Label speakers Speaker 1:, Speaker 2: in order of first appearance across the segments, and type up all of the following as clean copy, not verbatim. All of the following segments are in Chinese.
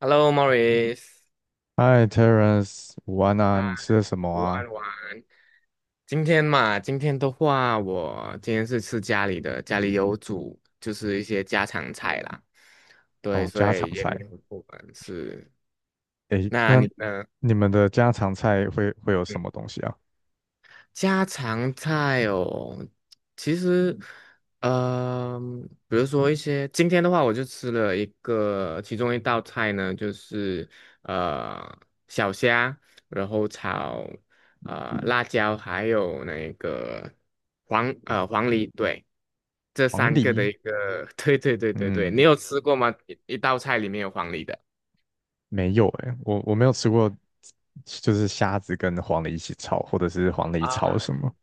Speaker 1: Hello, Morris，
Speaker 2: Hi, t e r e n c e 午安啊！
Speaker 1: 啊，
Speaker 2: 你吃的什么
Speaker 1: 午
Speaker 2: 啊？
Speaker 1: 安，午安。今天嘛，今天的话，我今天是吃家里的，家里有煮，就是一些家常菜啦。对，
Speaker 2: 哦，
Speaker 1: 所
Speaker 2: 家常
Speaker 1: 以也
Speaker 2: 菜。
Speaker 1: 没有不完是。
Speaker 2: 诶，
Speaker 1: 那
Speaker 2: 那
Speaker 1: 你呢？嗯，
Speaker 2: 你们的家常菜会有什么东西啊？
Speaker 1: 家常菜哦，其实，呃，比如说一些，今天的话，我就吃了一个，其中一道菜呢，就是呃小虾，然后炒辣椒，还有那个黄梨，对，这
Speaker 2: 黄
Speaker 1: 三个的
Speaker 2: 梨？
Speaker 1: 一个，对对对对对，你
Speaker 2: 嗯，
Speaker 1: 有吃过吗？一道菜里面有黄梨的。
Speaker 2: 没有诶，我没有吃过，就是虾子跟黄梨一起炒，或者是黄梨炒
Speaker 1: 啊。
Speaker 2: 什么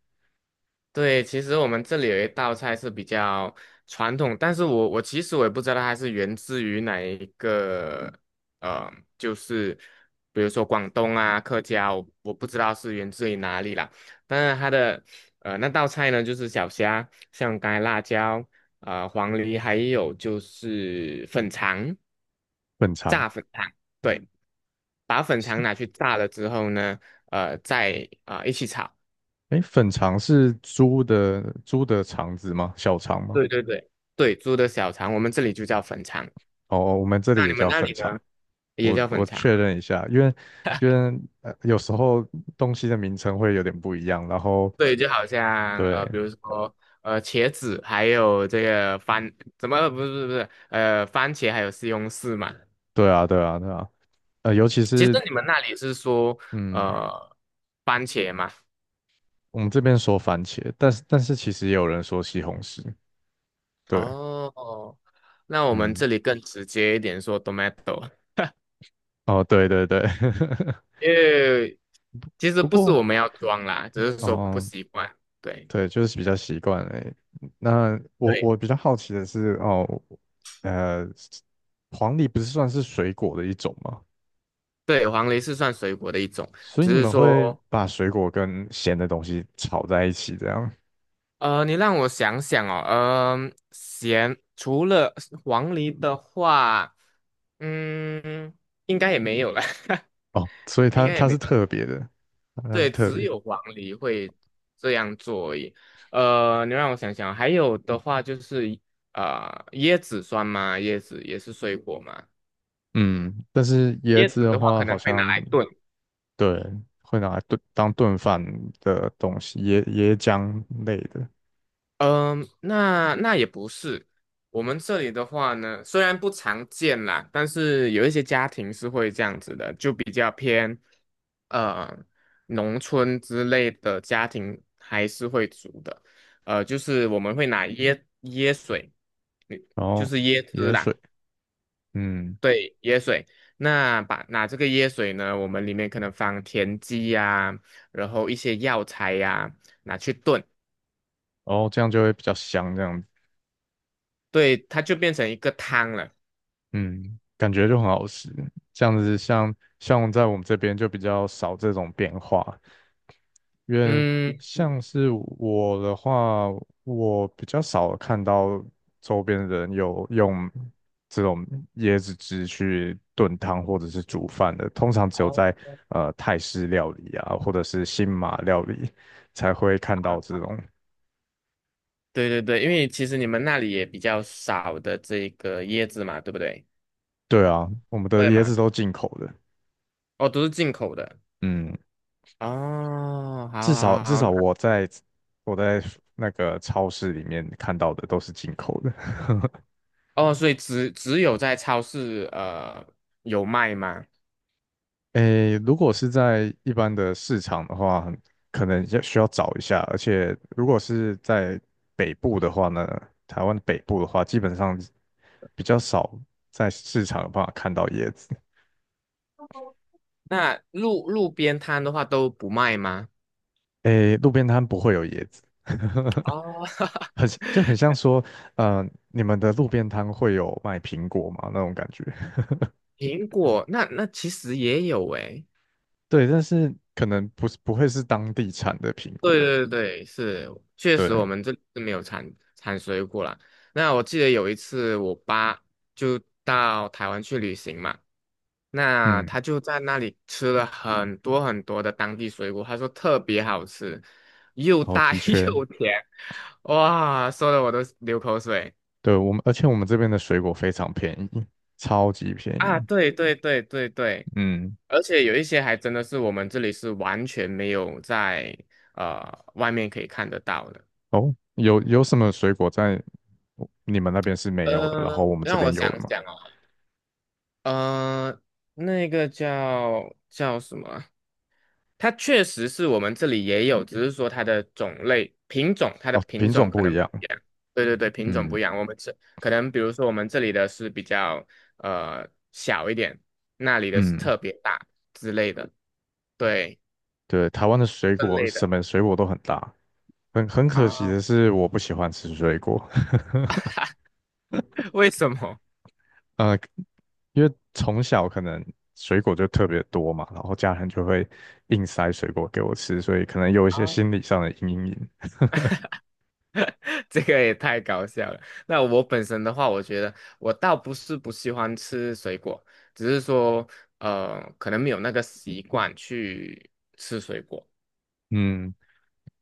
Speaker 1: 对，其实我们这里有一道菜是比较传统，但是我其实我也不知道它是源自于哪一个，呃，就是比如说广东啊、客家，我不知道是源自于哪里啦。但是它的那道菜呢，就是小虾、像干辣椒、黄梨，还有就是粉肠、
Speaker 2: 粉肠？
Speaker 1: 炸粉肠，对，把粉
Speaker 2: 是
Speaker 1: 肠拿去炸了之后呢，再一起炒。
Speaker 2: 诶，粉肠是猪的肠子吗？小肠吗？
Speaker 1: 对对对对，猪的小肠，我们这里就叫粉肠。
Speaker 2: 哦，哦我们这里
Speaker 1: 那
Speaker 2: 也
Speaker 1: 你们
Speaker 2: 叫
Speaker 1: 那
Speaker 2: 粉
Speaker 1: 里
Speaker 2: 肠。
Speaker 1: 呢？也
Speaker 2: 我
Speaker 1: 叫
Speaker 2: 我
Speaker 1: 粉肠。
Speaker 2: 确认一下，因为因为有时候东西的名称会有点不一样，然后
Speaker 1: 对，就好像
Speaker 2: 对，
Speaker 1: 比如说茄子，还有这个番，怎么不是不是不是呃，番茄还有西红柿嘛。
Speaker 2: 对啊，对啊，对啊，尤其
Speaker 1: 其实
Speaker 2: 是
Speaker 1: 你们那里是说
Speaker 2: 嗯，
Speaker 1: 呃，番茄嘛？
Speaker 2: 我们这边说番茄，但是其实也有人说西红柿，对，
Speaker 1: 哦，那我们
Speaker 2: 嗯，
Speaker 1: 这里更直接一点，说 tomato，
Speaker 2: 哦，对对对，
Speaker 1: 因为其实
Speaker 2: 不
Speaker 1: 不是
Speaker 2: 过
Speaker 1: 我们要装啦，只是说不
Speaker 2: 哦，
Speaker 1: 习惯。对
Speaker 2: 对，就是比较习惯诶。那我
Speaker 1: 对
Speaker 2: 我比较好奇的是，哦，呃，黄梨不是算是水果的一种吗？
Speaker 1: 对，黄梨是算水果的一种。
Speaker 2: 所以
Speaker 1: 只
Speaker 2: 你
Speaker 1: 是
Speaker 2: 们会
Speaker 1: 说
Speaker 2: 把水果跟咸的东西炒在一起，这样
Speaker 1: 你让我想想哦，嗯、咸除了黄梨的话，嗯，应该也没有了，
Speaker 2: 哦，所以
Speaker 1: 应
Speaker 2: 它
Speaker 1: 该也
Speaker 2: 它
Speaker 1: 没
Speaker 2: 是
Speaker 1: 有了。
Speaker 2: 特别的，它是
Speaker 1: 对，
Speaker 2: 特
Speaker 1: 只
Speaker 2: 别。
Speaker 1: 有黄梨会这样做而已。呃，你让我想想哦，还有的话就是椰子酸吗？椰子也是水果吗？
Speaker 2: 嗯，但是椰
Speaker 1: 椰
Speaker 2: 子
Speaker 1: 子
Speaker 2: 的
Speaker 1: 的话
Speaker 2: 话，
Speaker 1: 可
Speaker 2: 好
Speaker 1: 能会拿
Speaker 2: 像
Speaker 1: 来炖。
Speaker 2: 对会拿来炖当炖饭的东西，椰浆类的，
Speaker 1: 嗯，那那也不是。我们这里的话呢，虽然不常见啦，但是有一些家庭是会这样子的，就比较偏呃农村之类的家庭还是会煮的。呃，就是我们会拿椰水，嗯，
Speaker 2: 然
Speaker 1: 就
Speaker 2: 后
Speaker 1: 是椰汁
Speaker 2: 椰
Speaker 1: 啦，
Speaker 2: 水，嗯，
Speaker 1: 对，椰水。那把拿这个椰水呢，我们里面可能放田鸡呀、然后一些药材呀、拿去炖，
Speaker 2: 然后这样就会比较香，这样子，
Speaker 1: 对，它就变成一个汤了。
Speaker 2: 嗯，感觉就很好吃。这样子像像在我们这边就比较少这种变化，因为
Speaker 1: 嗯，
Speaker 2: 像是我的话，我比较少看到周边的人有用这种椰子汁去炖汤或者是煮饭的，通常只有在
Speaker 1: 哦，
Speaker 2: 泰式料理啊，或者是新马料理才会看到这种。
Speaker 1: 对对对，因为其实你们那里也比较少的这个椰子嘛，对不对？
Speaker 2: 对啊，我们的
Speaker 1: 会
Speaker 2: 椰
Speaker 1: 吗？
Speaker 2: 子都进口的，
Speaker 1: 哦，都是进口的。
Speaker 2: 嗯，
Speaker 1: 哦，好
Speaker 2: 至少
Speaker 1: 好
Speaker 2: 至
Speaker 1: 好，
Speaker 2: 少
Speaker 1: 那
Speaker 2: 我在那个超市里面看到的都是进口的。
Speaker 1: 哦，所以只有在超市有卖吗？
Speaker 2: 诶，如果是在一般的市场的话，很可能要需要找一下，而且如果是在北部的话呢，台湾北部的话，基本上比较少在市场有办法看到椰子。
Speaker 1: 那路边摊的话都不卖吗？
Speaker 2: 诶，路边摊不会有椰子，
Speaker 1: 哦，
Speaker 2: 很就很 像说，呃，你们的路边摊会有卖苹果吗？那种感觉。
Speaker 1: 苹果，那那其实也有诶、
Speaker 2: 对，但是可能不是不会是当地产的苹
Speaker 1: 对
Speaker 2: 果。
Speaker 1: 对对，是，确实我
Speaker 2: 对，
Speaker 1: 们这里是没有产水果啦。那我记得有一次我爸就到台湾去旅行嘛，那
Speaker 2: 嗯，
Speaker 1: 他就在那里吃了很多很多的当地水果，他说特别好吃，又
Speaker 2: 然后
Speaker 1: 大
Speaker 2: 的 确。
Speaker 1: 又甜，哇，说的我都流口水。
Speaker 2: 对，我们，而且我们这边的水果非常便宜，超级便
Speaker 1: 啊！
Speaker 2: 宜。
Speaker 1: 对对对对对，
Speaker 2: 嗯，
Speaker 1: 而且有一些还真的是我们这里是完全没有在外面可以看得到的。
Speaker 2: 哦，有什么水果在你们那边是没有的，然后
Speaker 1: 呃，
Speaker 2: 我们这
Speaker 1: 让我
Speaker 2: 边有的
Speaker 1: 想
Speaker 2: 吗？
Speaker 1: 想哦。呃，那个叫叫什么啊，它确实是我们这里也有，只是说它的种类品种，它的
Speaker 2: 哦，
Speaker 1: 品
Speaker 2: 品
Speaker 1: 种
Speaker 2: 种
Speaker 1: 可
Speaker 2: 不
Speaker 1: 能
Speaker 2: 一
Speaker 1: 不
Speaker 2: 样。
Speaker 1: 一样。对对对，品种
Speaker 2: 嗯
Speaker 1: 不一样。我们这可能比如说我们这里的是比较呃小一点，那里的是
Speaker 2: 嗯，
Speaker 1: 特别大之类的。对，
Speaker 2: 对，台湾的水
Speaker 1: 分
Speaker 2: 果
Speaker 1: 类的。
Speaker 2: 什么水果都很大，很可惜
Speaker 1: 啊？
Speaker 2: 的是我不喜欢吃水果，
Speaker 1: 为什么？
Speaker 2: 呃，因为从小可能水果就特别多嘛，然后家人就会硬塞水果给我吃，所以可能有一些
Speaker 1: 啊？
Speaker 2: 心理上的阴影。
Speaker 1: 这个也太搞笑了。那我本身的话，我觉得我倒不是不喜欢吃水果，只是说可能没有那个习惯去吃水果。
Speaker 2: 嗯。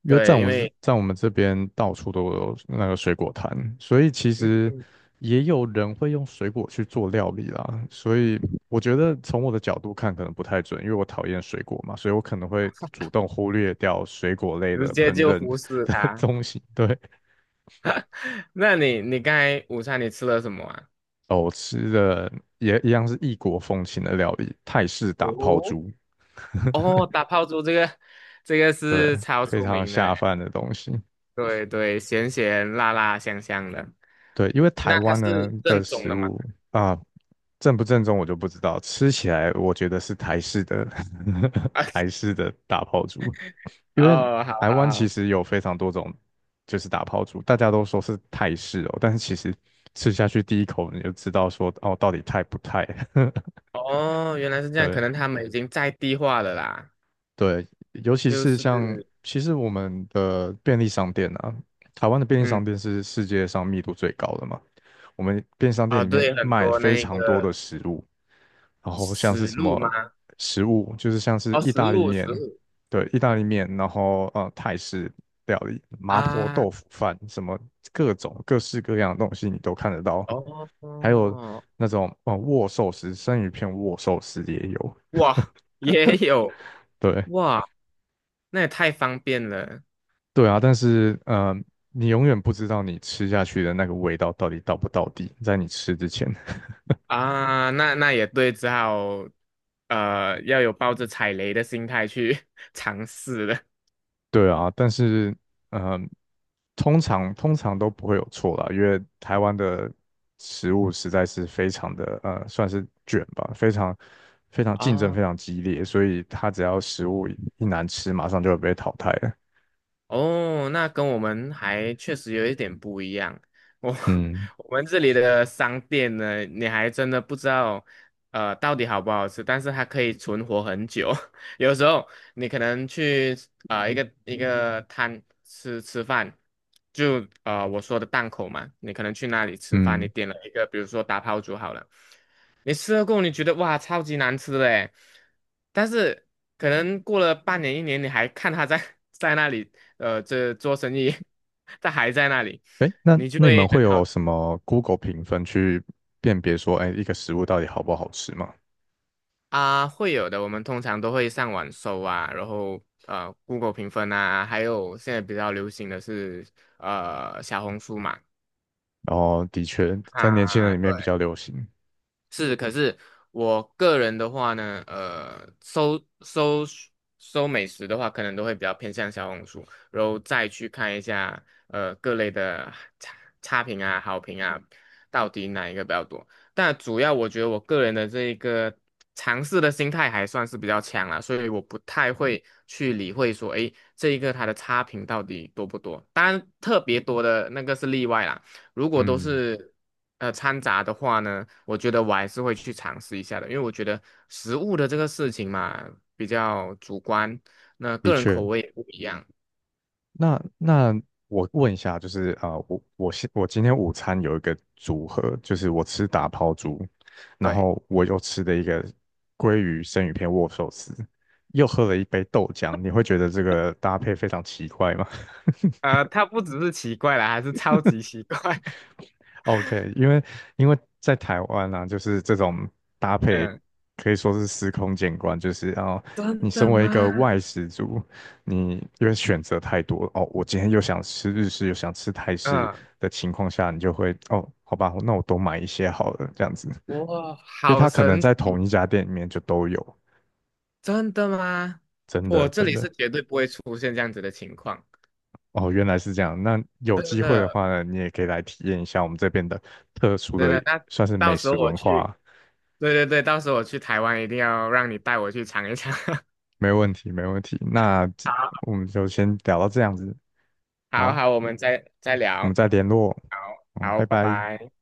Speaker 2: 因为
Speaker 1: 对，因为
Speaker 2: 在我们这边到处都有那个水果摊，所以其实
Speaker 1: 嗯
Speaker 2: 也有人会用水果去做料理啦。所以我觉得从我的角度看可能不太准，因为我讨厌水果嘛，所以我可能会主动忽略掉水果类
Speaker 1: 直
Speaker 2: 的
Speaker 1: 接
Speaker 2: 烹
Speaker 1: 就
Speaker 2: 饪
Speaker 1: 忽 视
Speaker 2: 的
Speaker 1: 它。
Speaker 2: 东西。对，
Speaker 1: 那你你刚才午餐你吃了什么啊？
Speaker 2: 哦我吃的也一样是异国风情的料理，泰式打抛
Speaker 1: 哦，
Speaker 2: 猪，
Speaker 1: 哦，打泡猪这个这个
Speaker 2: 对，
Speaker 1: 是超
Speaker 2: 非
Speaker 1: 出
Speaker 2: 常
Speaker 1: 名的
Speaker 2: 下
Speaker 1: 诶，
Speaker 2: 饭的东西。
Speaker 1: 对对，咸咸辣辣香香的。
Speaker 2: 对，因为台
Speaker 1: 那它
Speaker 2: 湾
Speaker 1: 是
Speaker 2: 呢
Speaker 1: 正
Speaker 2: 的
Speaker 1: 宗
Speaker 2: 食
Speaker 1: 的嘛？
Speaker 2: 物啊，正不正宗我就不知道，吃起来我觉得是台式的 台式的打抛猪，因为
Speaker 1: 哦，好
Speaker 2: 台湾
Speaker 1: 好
Speaker 2: 其
Speaker 1: 好。
Speaker 2: 实有非常多种就是打抛猪，大家都说是泰式哦，但是其实吃下去第一口你就知道说哦到底泰不泰，
Speaker 1: 哦，原来是 这样，
Speaker 2: 对，
Speaker 1: 可能他们已经在地化了啦，
Speaker 2: 对，尤其
Speaker 1: 就
Speaker 2: 是像，
Speaker 1: 是，
Speaker 2: 其实我们的便利商店啊，台湾的便利
Speaker 1: 嗯，
Speaker 2: 商店是世界上密度最高的嘛。我们便利商店
Speaker 1: 哦，
Speaker 2: 里面
Speaker 1: 对，很
Speaker 2: 卖
Speaker 1: 多
Speaker 2: 非
Speaker 1: 那
Speaker 2: 常多的
Speaker 1: 个
Speaker 2: 食物，然后像是
Speaker 1: 死
Speaker 2: 什
Speaker 1: 路
Speaker 2: 么
Speaker 1: 吗？
Speaker 2: 食物，就是像是
Speaker 1: 哦，
Speaker 2: 意
Speaker 1: 死
Speaker 2: 大利
Speaker 1: 路，死
Speaker 2: 面，
Speaker 1: 路。
Speaker 2: 对，意大利面，然后泰式料理、麻婆
Speaker 1: 啊，
Speaker 2: 豆腐饭，什么各种各式各样的东西你都看得到，还有
Speaker 1: 哦，
Speaker 2: 那种握寿司，生鱼片握寿司也有，
Speaker 1: 哇，也有，
Speaker 2: 对。
Speaker 1: 哇，那也太方便了。
Speaker 2: 对啊，但是你永远不知道你吃下去的那个味道到底到不到底，在你吃之前。
Speaker 1: 啊，那那也对，只好，要有抱着踩雷的心态去 尝试了。
Speaker 2: 对啊，但是呃，通常都不会有错啦，因为台湾的食物实在是非常的算是卷吧，非常竞
Speaker 1: 啊，
Speaker 2: 争
Speaker 1: 哦
Speaker 2: 非常激烈，所以它只要食物一难吃，马上就会被淘汰了。
Speaker 1: 哦，那跟我们还确实有一点不一样。我
Speaker 2: 嗯
Speaker 1: 我们这里的商店呢，你还真的不知道，到底好不好吃，但是它可以存活很久。有时候你可能去一个一个摊吃吃饭，就啊我说的档口嘛，你可能去那里吃饭，你
Speaker 2: 嗯，
Speaker 1: 点了一个，比如说打抛猪好了，你吃了过后你觉得哇超级难吃的诶，但是可能过了半年一年，你还看它在 在那里。呃，这做生意，他还在那里，
Speaker 2: 哎，那
Speaker 1: 你就
Speaker 2: 那你
Speaker 1: 会
Speaker 2: 们会
Speaker 1: 很好。
Speaker 2: 有什么 Google 评分去辨别说，哎，一个食物到底好不好吃吗？
Speaker 1: 啊，会有的。我们通常都会上网搜啊，然后Google 评分啊，还有现在比较流行的是小红书嘛，
Speaker 2: 然后的确在年轻人
Speaker 1: 啊，
Speaker 2: 里面比
Speaker 1: 对。
Speaker 2: 较流行。
Speaker 1: 是，可是我个人的话呢，搜美食的话，可能都会比较偏向小红书，然后再去看一下各类的差差评啊、好评啊，到底哪一个比较多。但主要我觉得我个人的这一个尝试的心态还算是比较强啦，所以我不太会去理会说，诶，这一个它的差评到底多不多。当然，特别多的那个是例外啦。如果都
Speaker 2: 嗯，
Speaker 1: 是掺杂的话呢，我觉得我还是会去尝试一下的，因为我觉得食物的这个事情嘛比较主观，那
Speaker 2: 的
Speaker 1: 个人
Speaker 2: 确。
Speaker 1: 口味也不一样。
Speaker 2: 那那我问一下，就是我今天午餐有一个组合，就是我吃打抛猪，然
Speaker 1: 对，
Speaker 2: 后我又吃的一个鲑鱼生鱼片握寿司，又喝了一杯豆浆。你会觉得这个搭配非常奇怪吗？
Speaker 1: 它不只是奇怪啦，还是超级奇怪。
Speaker 2: OK,因为因为在台湾啊，就是这种搭配
Speaker 1: 嗯，
Speaker 2: 可以说是司空见惯，就是哦，你
Speaker 1: 真
Speaker 2: 身
Speaker 1: 的
Speaker 2: 为一个
Speaker 1: 吗？
Speaker 2: 外食族，你因为选择太多哦，我今天又想吃日式，又想吃泰式
Speaker 1: 嗯，
Speaker 2: 的情况下，你就会哦，好吧，那我多买一些好了，这样子，因
Speaker 1: 哇，
Speaker 2: 为
Speaker 1: 好
Speaker 2: 它可能
Speaker 1: 神
Speaker 2: 在同
Speaker 1: 奇，
Speaker 2: 一家店里面就都有，
Speaker 1: 真的吗？
Speaker 2: 真
Speaker 1: 我
Speaker 2: 的
Speaker 1: 这
Speaker 2: 真
Speaker 1: 里是
Speaker 2: 的
Speaker 1: 绝对不会出现这样子的情况，
Speaker 2: 哦，原来是这样。那有
Speaker 1: 真
Speaker 2: 机会的
Speaker 1: 的，
Speaker 2: 话呢，你也可以来体验一下我们这边的特殊
Speaker 1: 真
Speaker 2: 的
Speaker 1: 的。那
Speaker 2: 算是
Speaker 1: 到
Speaker 2: 美
Speaker 1: 时
Speaker 2: 食
Speaker 1: 候我
Speaker 2: 文化
Speaker 1: 去，对对对，到时候我去台湾一定要让你带我去尝一尝。
Speaker 2: 没问题，没问题。那这
Speaker 1: 好。
Speaker 2: 我们就先聊到这样子，
Speaker 1: 好
Speaker 2: 好，
Speaker 1: 好，我们再再
Speaker 2: 我们
Speaker 1: 聊。
Speaker 2: 再联络，
Speaker 1: 好，
Speaker 2: 嗯，
Speaker 1: 好，
Speaker 2: 拜
Speaker 1: 拜
Speaker 2: 拜。
Speaker 1: 拜。